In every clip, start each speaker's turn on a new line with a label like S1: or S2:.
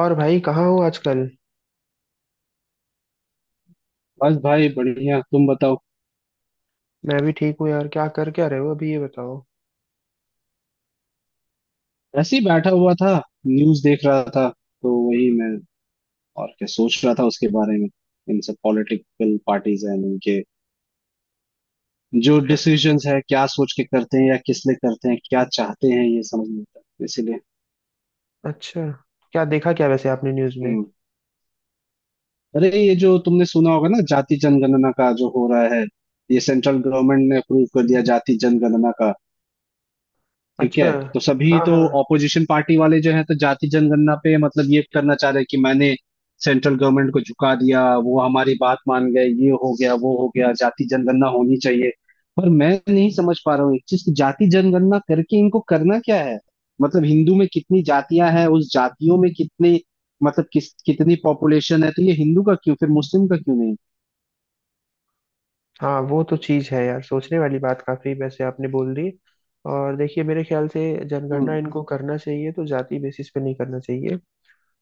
S1: और भाई कहाँ हो आजकल?
S2: बस भाई बढ़िया। तुम बताओ।
S1: मैं भी ठीक हूँ यार। क्या रहे हो अभी, ये बताओ।
S2: ऐसे ही बैठा हुआ था, न्यूज देख रहा था, तो वही मैं और क्या सोच रहा था उसके बारे में। इन सब पॉलिटिकल पार्टीज हैं, इनके जो
S1: अ-
S2: डिसीजंस है क्या सोच के करते हैं या किस लिए करते हैं, क्या चाहते हैं ये समझ नहीं आता, इसीलिए।
S1: अच्छा, क्या देखा क्या वैसे आपने न्यूज़ में?
S2: हम्म। अरे ये जो तुमने सुना होगा ना, जाति जनगणना का जो हो रहा है, ये सेंट्रल गवर्नमेंट ने अप्रूव कर दिया जाति जनगणना का। ठीक
S1: अच्छा।
S2: है, तो सभी
S1: हाँ
S2: तो
S1: हाँ।
S2: ऑपोजिशन पार्टी वाले जो है तो जाति जनगणना पे मतलब ये करना चाह रहे हैं कि मैंने सेंट्रल गवर्नमेंट को झुका दिया, वो हमारी बात मान गए, ये हो गया वो हो गया, जाति जनगणना होनी चाहिए। पर मैं नहीं समझ पा रहा हूँ एक चीज की, जाति जनगणना करके इनको करना क्या है। मतलब हिंदू में कितनी जातियां हैं, उस जातियों में कितने मतलब किस कितनी पॉपुलेशन है, तो ये हिंदू का क्यों, फिर मुस्लिम का क्यों नहीं।
S1: हाँ, वो तो चीज़ है यार, सोचने वाली बात काफी वैसे आपने बोल दी। और देखिए, मेरे ख्याल से जनगणना
S2: हम्म।
S1: इनको करना चाहिए तो जाति बेसिस पे नहीं करना चाहिए।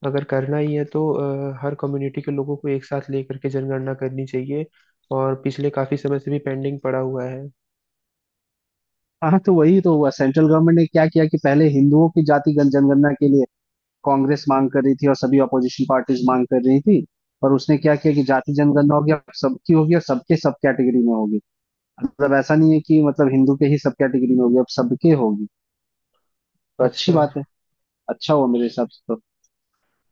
S1: अगर करना ही है तो हर कम्युनिटी के लोगों को एक साथ लेकर के जनगणना करनी चाहिए। और पिछले काफी समय से भी पेंडिंग पड़ा हुआ है।
S2: हाँ, तो वही तो हुआ, सेंट्रल गवर्नमेंट ने क्या किया कि पहले हिंदुओं की जाति जनगणना के लिए कांग्रेस मांग कर रही थी और सभी अपोजिशन पार्टीज मांग कर रही थी। पर उसने क्या किया कि जाति जनगणना होगी अब सबकी होगी, और सबके सब कैटेगरी में होगी। मतलब ऐसा नहीं है कि मतलब हिंदू के ही सब कैटेगरी में होगी, अब सबके होगी। तो अच्छी
S1: अच्छा।
S2: बात है, अच्छा हुआ मेरे हिसाब से तो।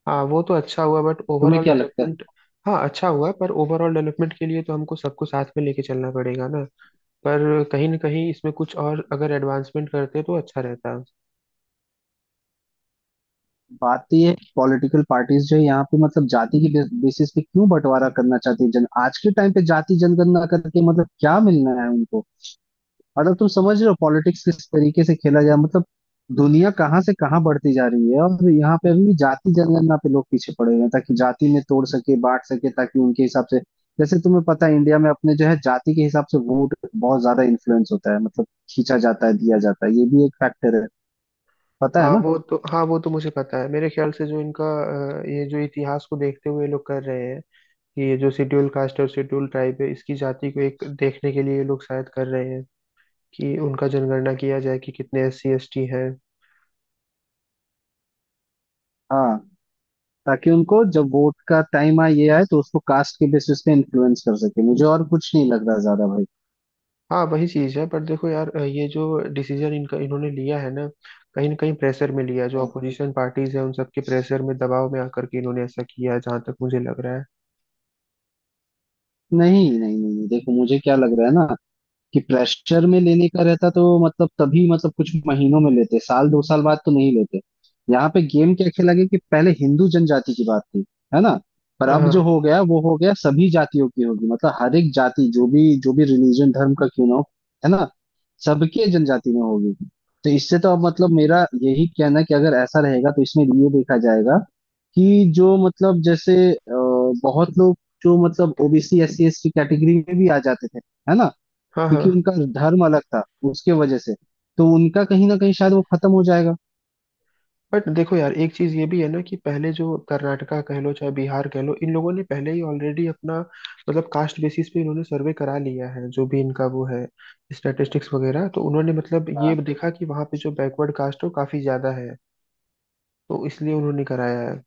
S1: हाँ, वो तो अच्छा हुआ बट
S2: तुम्हें
S1: ओवरऑल
S2: क्या लगता है?
S1: डेवलपमेंट। हाँ, अच्छा हुआ पर ओवरऑल डेवलपमेंट के लिए तो हमको सबको साथ में लेके चलना पड़ेगा ना। पर कहीं ना कहीं इसमें कुछ और अगर एडवांसमेंट करते तो अच्छा रहता।
S2: बात तो ये, पॉलिटिकल पार्टीज जो है यहाँ पे मतलब जाति की बेसिस पे क्यों बंटवारा करना चाहती है, जन आज के टाइम पे जाति जनगणना करके मतलब क्या मिलना है उनको। मतलब तुम समझ रहे हो पॉलिटिक्स किस तरीके से खेला गया, मतलब दुनिया कहाँ से कहाँ बढ़ती जा रही है, और यहाँ पे अभी भी जाति जनगणना पे लोग पीछे पड़े हुए हैं, ताकि जाति में तोड़ सके बांट सके, ताकि उनके हिसाब से। जैसे तुम्हें पता है, इंडिया में अपने जो है जाति के हिसाब से वोट बहुत ज्यादा इन्फ्लुएंस होता है, मतलब खींचा जाता है दिया जाता है, ये भी एक फैक्टर है, पता है
S1: हाँ
S2: ना।
S1: वो तो हाँ वो तो मुझे पता है। मेरे ख्याल से जो इनका, ये जो इतिहास को देखते हुए ये लोग कर रहे हैं कि ये जो शेड्यूल कास्ट और शेड्यूल ट्राइब है इसकी जाति को एक देखने के लिए ये लोग शायद कर रहे हैं कि उनका जनगणना किया जाए, कि कितने एस सी एस टी हैं।
S2: हाँ, ताकि उनको जब वोट का टाइम आए ये आए, तो उसको कास्ट के बेसिस पे इन्फ्लुएंस कर सके, मुझे और कुछ नहीं लग रहा ज्यादा भाई।
S1: हाँ, वही चीज है। पर देखो यार, ये जो डिसीजन इनका इन्होंने लिया है ना, कहीं ना कहीं प्रेशर में लिया है। जो
S2: हाँ।
S1: अपोजिशन पार्टीज है उन सबके प्रेशर में, दबाव में आकर के इन्होंने ऐसा किया है, जहां तक मुझे लग रहा है।
S2: नहीं नहीं नहीं नहीं, देखो मुझे क्या लग रहा है ना, कि प्रेशर में लेने का रहता तो मतलब तभी, मतलब कुछ महीनों में लेते, साल दो साल बाद तो नहीं लेते। यहाँ पे गेम क्या खेला गया, कि पहले हिंदू जनजाति की बात थी, है ना, पर
S1: हाँ
S2: अब जो
S1: हाँ
S2: हो गया वो हो गया, सभी जातियों की होगी, मतलब हर एक जाति जो भी रिलीजन धर्म का क्यों ना हो, है ना, सबके जनजाति में होगी। तो इससे तो अब मतलब मेरा यही कहना है कि अगर ऐसा रहेगा तो इसमें ये देखा जाएगा कि जो मतलब जैसे बहुत लोग जो मतलब OBC S C S T category में भी आ जाते थे, है ना,
S1: हाँ
S2: क्योंकि
S1: हाँ।
S2: उनका धर्म अलग था, उसके वजह से तो उनका कहीं ना कहीं शायद वो खत्म हो जाएगा।
S1: बट देखो यार, एक चीज ये भी है ना कि पहले जो कर्नाटका कह लो चाहे बिहार कह लो, इन लोगों ने पहले ही ऑलरेडी अपना, मतलब कास्ट बेसिस पे इन्होंने सर्वे करा लिया है। जो भी इनका वो है स्टैटिस्टिक्स वगैरह, तो उन्होंने मतलब ये
S2: हाँ।
S1: देखा कि वहाँ पे जो बैकवर्ड कास्ट है वो काफी ज्यादा है, तो इसलिए उन्होंने कराया है।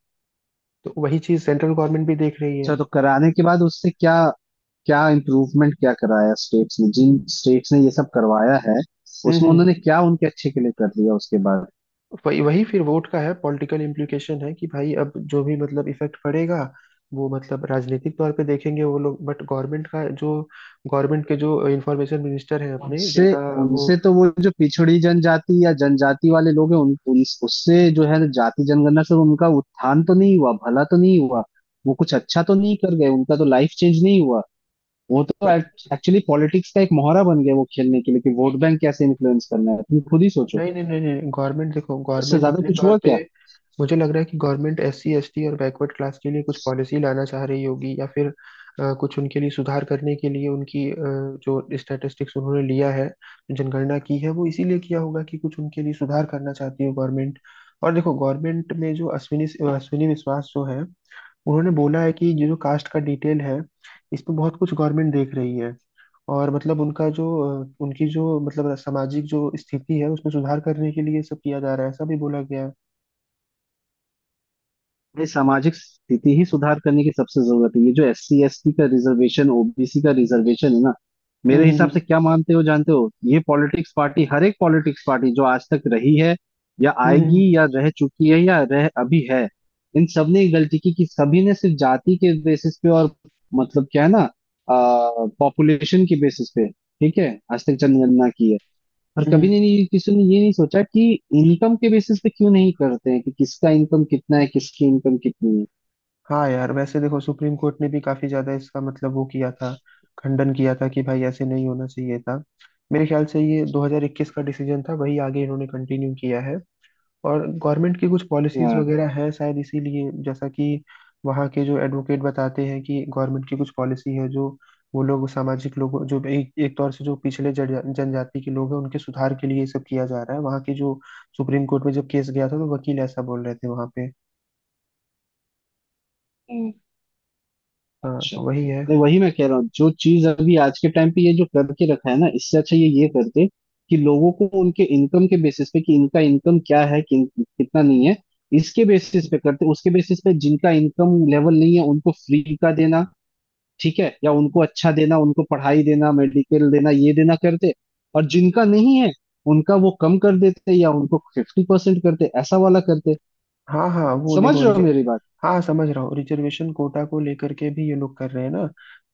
S1: तो वही चीज सेंट्रल गवर्नमेंट भी देख रही
S2: अच्छा,
S1: है।
S2: तो कराने के बाद उससे क्या, क्या इम्प्रूवमेंट, क्या कराया स्टेट्स ने, जिन स्टेट्स ने ये सब करवाया है, उसमें
S1: हम्म।
S2: उन्होंने क्या उनके अच्छे के लिए कर दिया उसके बाद?
S1: वही वही फिर वोट का है, पॉलिटिकल इम्प्लीकेशन है कि भाई अब जो भी मतलब इफेक्ट पड़ेगा वो मतलब राजनीतिक तौर पे देखेंगे वो लोग। बट गवर्नमेंट का जो, गवर्नमेंट के जो इंफॉर्मेशन मिनिस्टर हैं अपने,
S2: उनसे
S1: जिनका वो,
S2: उनसे तो वो जो पिछड़ी जनजाति या जनजाति वाले लोग हैं, उन, उन उससे जो है ना जाति जनगणना से उनका उत्थान तो नहीं हुआ, भला तो नहीं हुआ, वो कुछ अच्छा तो नहीं कर गए, उनका तो लाइफ चेंज नहीं हुआ। वो तो एक्चुअली पॉलिटिक्स का एक मोहरा बन गया वो, खेलने के लिए कि वोट बैंक कैसे इन्फ्लुएंस करना है, तुम खुद ही सोचो,
S1: नहीं नहीं नहीं नहीं, गवर्नमेंट देखो,
S2: इससे
S1: गवर्नमेंट
S2: ज्यादा
S1: अपने
S2: कुछ
S1: तौर
S2: हुआ
S1: पे,
S2: क्या?
S1: मुझे लग रहा है कि government S C S T और बैकवर्ड क्लास के लिए कुछ पॉलिसी लाना चाह रही होगी, या फिर कुछ उनके लिए सुधार करने के लिए उनकी, जो स्टैटिस्टिक्स उन्होंने लिया है, जनगणना की है, वो इसीलिए किया होगा कि कुछ उनके लिए सुधार करना चाहती है गवर्नमेंट। और देखो, गवर्नमेंट में जो अश्विनी अश्विनी विश्वास जो है, उन्होंने बोला है कि ये जो कास्ट का डिटेल है इसमें बहुत कुछ गवर्नमेंट देख रही है। और मतलब उनका जो, उनकी जो मतलब सामाजिक जो स्थिति है उसमें सुधार करने के लिए ये सब किया जा रहा है, ऐसा भी बोला गया है।
S2: ये सामाजिक स्थिति ही सुधार करने की सबसे जरूरत है। ये जो एस सी एस टी का रिजर्वेशन, ओबीसी का रिजर्वेशन है ना, मेरे हिसाब
S1: हम्म।
S2: से क्या मानते हो जानते हो, ये पॉलिटिक्स पार्टी, हर एक पॉलिटिक्स पार्टी जो आज तक रही है या आएगी
S1: हम्म
S2: या रह चुकी है या रह अभी है, इन सब ने ये गलती की कि सभी ने सिर्फ जाति के बेसिस पे और मतलब क्या है ना पॉपुलेशन के बेसिस पे, ठीक है, आज तक जनगणना की है। और
S1: हम्म, हम्म।
S2: कभी नहीं, किसी ने ये नहीं सोचा कि इनकम के बेसिस पे क्यों नहीं करते हैं, कि किसका इनकम कितना है, किसकी इनकम कितनी है।
S1: हाँ यार, वैसे देखो, सुप्रीम कोर्ट ने भी काफी ज्यादा इसका मतलब वो किया था, खंडन किया था कि भाई ऐसे नहीं होना चाहिए था। मेरे ख्याल से ये 2021 का डिसीजन था, वही आगे इन्होंने कंटिन्यू किया है। और गवर्नमेंट की कुछ पॉलिसीज
S2: हाँ,
S1: वगैरह हैं शायद इसीलिए, जैसा कि वहाँ के जो एडवोकेट बताते हैं कि गवर्नमेंट की कुछ पॉलिसी है जो, वो लोग सामाजिक लोगों जो एक एक तौर से जो पिछले जनजाति के लोग हैं उनके सुधार के लिए ये सब किया जा रहा है। वहाँ की जो सुप्रीम कोर्ट में जब केस गया था तो वकील ऐसा बोल रहे थे वहाँ पे।
S2: हाँ,
S1: हाँ,
S2: अच्छा।
S1: तो वही है।
S2: नहीं, वही मैं कह रहा हूँ, जो चीज अभी आज के टाइम पे ये जो करके रखा है ना, इससे अच्छा ये करते कि लोगों को उनके इनकम के बेसिस पे, कि इनका इनकम क्या है, कि कितना नहीं है, इसके बेसिस पे करते। उसके बेसिस पे जिनका इनकम लेवल नहीं है उनको फ्री का देना, ठीक है, या उनको अच्छा देना, उनको पढ़ाई देना, मेडिकल देना, ये देना करते। और जिनका नहीं है उनका वो कम कर देते, या उनको फिफ्टी परसेंट करते, ऐसा वाला करते।
S1: हाँ हाँ, वो
S2: समझ
S1: देखो
S2: रहे हो
S1: रिजर्व,
S2: मेरी बात?
S1: हाँ समझ रहा हूँ, रिजर्वेशन कोटा को लेकर के भी ये लोग कर रहे हैं ना।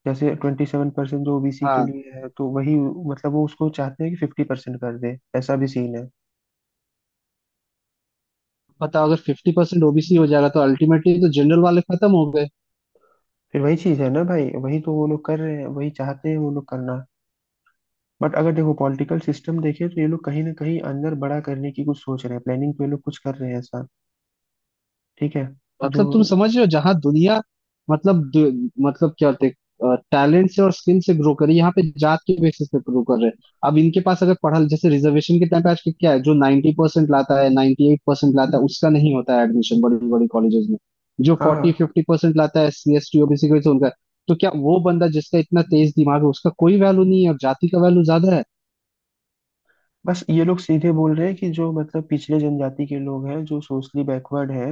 S1: जैसे 27% जो ओबीसी के
S2: हाँ,
S1: लिए है, तो वही, मतलब वो उसको चाहते हैं कि 50% कर दे, ऐसा भी सीन है।
S2: बताओ, अगर फिफ्टी परसेंट ओबीसी हो जाएगा, तो अल्टीमेटली तो जनरल वाले खत्म हो गए।
S1: फिर वही चीज है ना भाई, वही तो वो लोग कर रहे हैं, वही चाहते हैं वो लोग करना। बट अगर देखो पॉलिटिकल सिस्टम देखे तो ये लोग कहीं ना कहीं अंदर बड़ा करने की कुछ सोच रहे हैं, प्लानिंग तो ये लोग कुछ कर रहे हैं ऐसा। ठीक है। जो,
S2: मतलब तुम समझ रहे हो, जहां दुनिया मतलब मतलब क्या होते टैलेंट से और स्किल से ग्रो करे, यहाँ पे जात के बेसिस पे ग्रो कर रहे हैं। अब इनके पास, अगर पढ़ा, जैसे रिजर्वेशन के टाइम पे आज के क्या है, जो 90% परसेंट लाता है, 98% एट परसेंट लाता है, उसका नहीं होता है एडमिशन बड़ी बड़ी कॉलेजेस में, जो
S1: हाँ
S2: 40
S1: हाँ।
S2: 50% परसेंट लाता है सी एस टी ओबीसी को उनका। तो क्या वो बंदा जिसका इतना तेज दिमाग है उसका कोई वैल्यू नहीं है, और जाति का वैल्यू ज्यादा है?
S1: बस ये लोग सीधे बोल रहे हैं कि जो मतलब पिछले जनजाति के लोग हैं जो सोशली बैकवर्ड हैं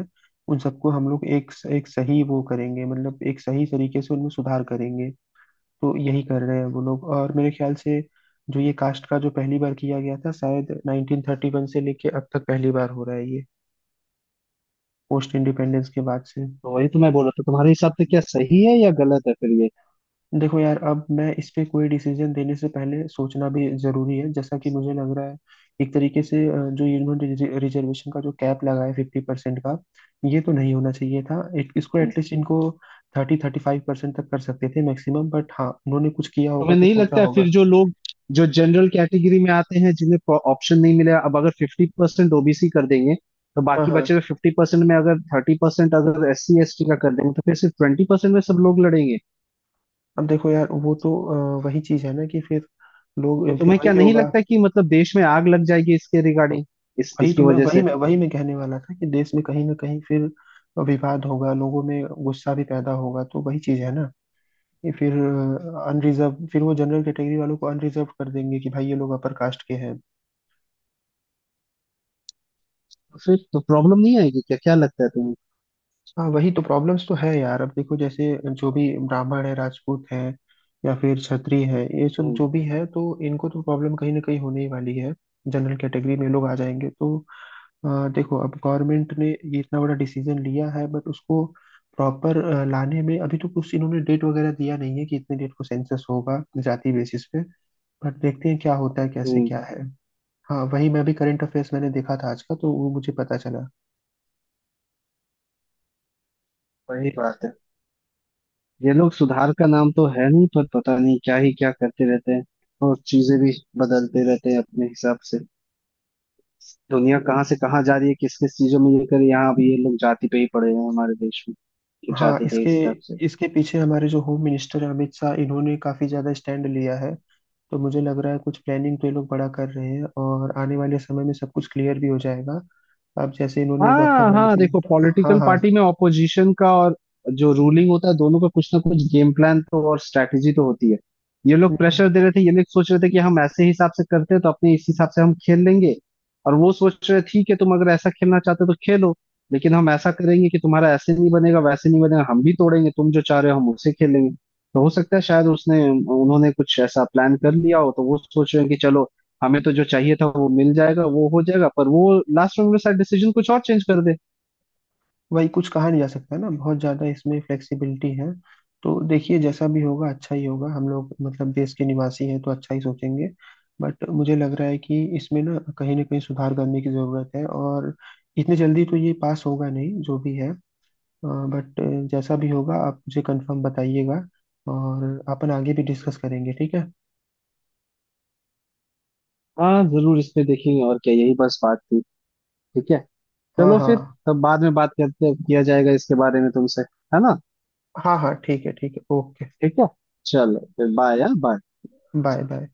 S1: उन सबको हम लोग एक एक सही वो करेंगे, मतलब एक सही तरीके से उनमें सुधार करेंगे। तो यही कर रहे हैं वो लोग। और मेरे ख्याल से जो ये कास्ट का जो पहली बार किया गया था, शायद 1931 से लेके, अब तक पहली बार हो रहा है ये, पोस्ट इंडिपेंडेंस के बाद से।
S2: तो वही तो मैं बोल रहा था, तुम्हारे हिसाब से क्या सही है या गलत है फिर?
S1: देखो यार, अब मैं इस पे कोई डिसीजन देने से पहले सोचना भी जरूरी है, जैसा कि मुझे लग रहा है, एक तरीके से जो इन्होंने रिजर्वेशन का जो कैप लगाया 50% का, ये तो नहीं होना चाहिए था। इसको
S2: ये
S1: एटलीस्ट इनको थर्टी 35% तक कर सकते थे मैक्सिमम। बट हाँ, उन्होंने कुछ किया होगा
S2: तुम्हें
S1: तो
S2: नहीं
S1: सोचा
S2: लगता है फिर,
S1: होगा।
S2: जो लोग जो जनरल कैटेगरी में आते हैं, जिन्हें ऑप्शन नहीं मिला, अब अगर फिफ्टी परसेंट ओबीसी कर देंगे, तो
S1: हाँ
S2: बाकी बचे
S1: हाँ।
S2: हुए फिफ्टी परसेंट में अगर थर्टी परसेंट अगर एस सी एस टी का कर देंगे, तो फिर सिर्फ ट्वेंटी परसेंट में सब लोग लड़ेंगे।
S1: अब देखो यार, वो तो वही चीज है ना, कि फिर लोग,
S2: तो
S1: फिर
S2: तुम्हें क्या
S1: वही
S2: नहीं
S1: होगा।
S2: लगता कि मतलब देश में आग लग जाएगी इसके रिगार्डिंग, इस
S1: वही
S2: इसकी
S1: तो मैं,
S2: वजह
S1: वही
S2: से?
S1: मैं वही मैं कहने वाला था कि देश में कहीं ना कहीं फिर विवाद होगा, लोगों में गुस्सा भी पैदा होगा। तो वही चीज है ना कि फिर अनरिजर्व, फिर वो जनरल कैटेगरी वालों को अनरिजर्व कर देंगे कि भाई ये लोग अपर कास्ट के हैं।
S2: तो फिर तो प्रॉब्लम नहीं आएगी क्या, क्या लगता है तुम्हें?
S1: हाँ, वही तो प्रॉब्लम्स तो है यार। अब देखो जैसे, जो भी ब्राह्मण है, राजपूत है, या फिर क्षत्रिय है, ये सब
S2: हम्म
S1: जो भी है, तो इनको तो प्रॉब्लम कहीं ना कहीं होने ही वाली है, जनरल कैटेगरी में लोग आ जाएंगे तो। देखो, अब गवर्नमेंट ने ये इतना बड़ा डिसीजन लिया है बट उसको प्रॉपर लाने में अभी तो कुछ इन्होंने डेट वगैरह दिया नहीं है कि इतने डेट को सेंसस होगा जाति बेसिस पे। बट देखते हैं क्या होता है, कैसे
S2: हम्म।
S1: क्या है। हाँ, वही मैं भी करंट अफेयर्स मैंने देखा था आज का, तो वो मुझे पता चला।
S2: वही बात है, ये लोग सुधार का नाम तो है नहीं, पर पता नहीं क्या ही क्या करते रहते हैं, और चीजें भी बदलते रहते हैं अपने हिसाब से। दुनिया कहाँ से कहाँ जा रही है, किस किस चीजों में लेकर, यहाँ अब ये लोग जाति पे ही पड़े हैं हमारे देश में, कि
S1: हाँ,
S2: जाति के
S1: इसके
S2: हिसाब से।
S1: इसके पीछे हमारे जो होम मिनिस्टर हैं, अमित शाह, इन्होंने काफी ज्यादा स्टैंड लिया है। तो मुझे लग रहा है कुछ प्लानिंग तो ये लोग बड़ा कर रहे हैं, और आने वाले समय में सब कुछ क्लियर भी हो जाएगा। अब जैसे इन्होंने वर्क
S2: हाँ हाँ, देखो
S1: अमेंडमेंट, हाँ
S2: पॉलिटिकल
S1: हाँ,
S2: पार्टी में ऑपोजिशन का और जो रूलिंग होता है, दोनों का कुछ ना कुछ गेम प्लान तो और स्ट्रैटेजी तो होती है। ये लोग
S1: हम्म,
S2: प्रेशर दे रहे थे, ये लोग सोच रहे थे कि हम ऐसे हिसाब से करते हैं तो अपने इस हिसाब से हम खेल लेंगे, और वो सोच रहे ठीक है, तुम अगर ऐसा खेलना चाहते हो तो खेलो, लेकिन हम ऐसा करेंगे कि तुम्हारा ऐसे नहीं बनेगा वैसे नहीं बनेगा, हम भी तोड़ेंगे, तुम जो चाह रहे हो हम उसे खेलेंगे। तो हो सकता है शायद उसने उन्होंने कुछ ऐसा प्लान कर लिया हो, तो वो सोच रहे हैं कि चलो हमें तो जो चाहिए था वो मिल जाएगा, वो हो जाएगा, पर वो लास्ट में मेरे साथ डिसीजन कुछ और चेंज कर दे।
S1: वही कुछ कहा नहीं जा सकता ना, बहुत ज्यादा इसमें फ्लेक्सिबिलिटी है। तो देखिए जैसा भी होगा अच्छा ही होगा। हम लोग मतलब देश के निवासी हैं तो अच्छा ही सोचेंगे। बट मुझे लग रहा है कि इसमें ना कहीं सुधार करने की जरूरत है। और इतने जल्दी तो ये पास होगा नहीं जो भी है। बट जैसा भी होगा आप मुझे कंफर्म बताइएगा, और अपन आगे भी डिस्कस करेंगे, ठीक है।
S2: हाँ जरूर, इसमें देखेंगे, और क्या, यही बस बात थी? ठीक है,
S1: हाँ
S2: चलो
S1: हाँ
S2: फिर, तब बाद में बात करते, किया जाएगा इसके बारे में तुमसे, है ना?
S1: हाँ हाँ, ठीक है ठीक है, ओके।
S2: ठीक है, चलो फिर, बाय बाय।
S1: Bye bye.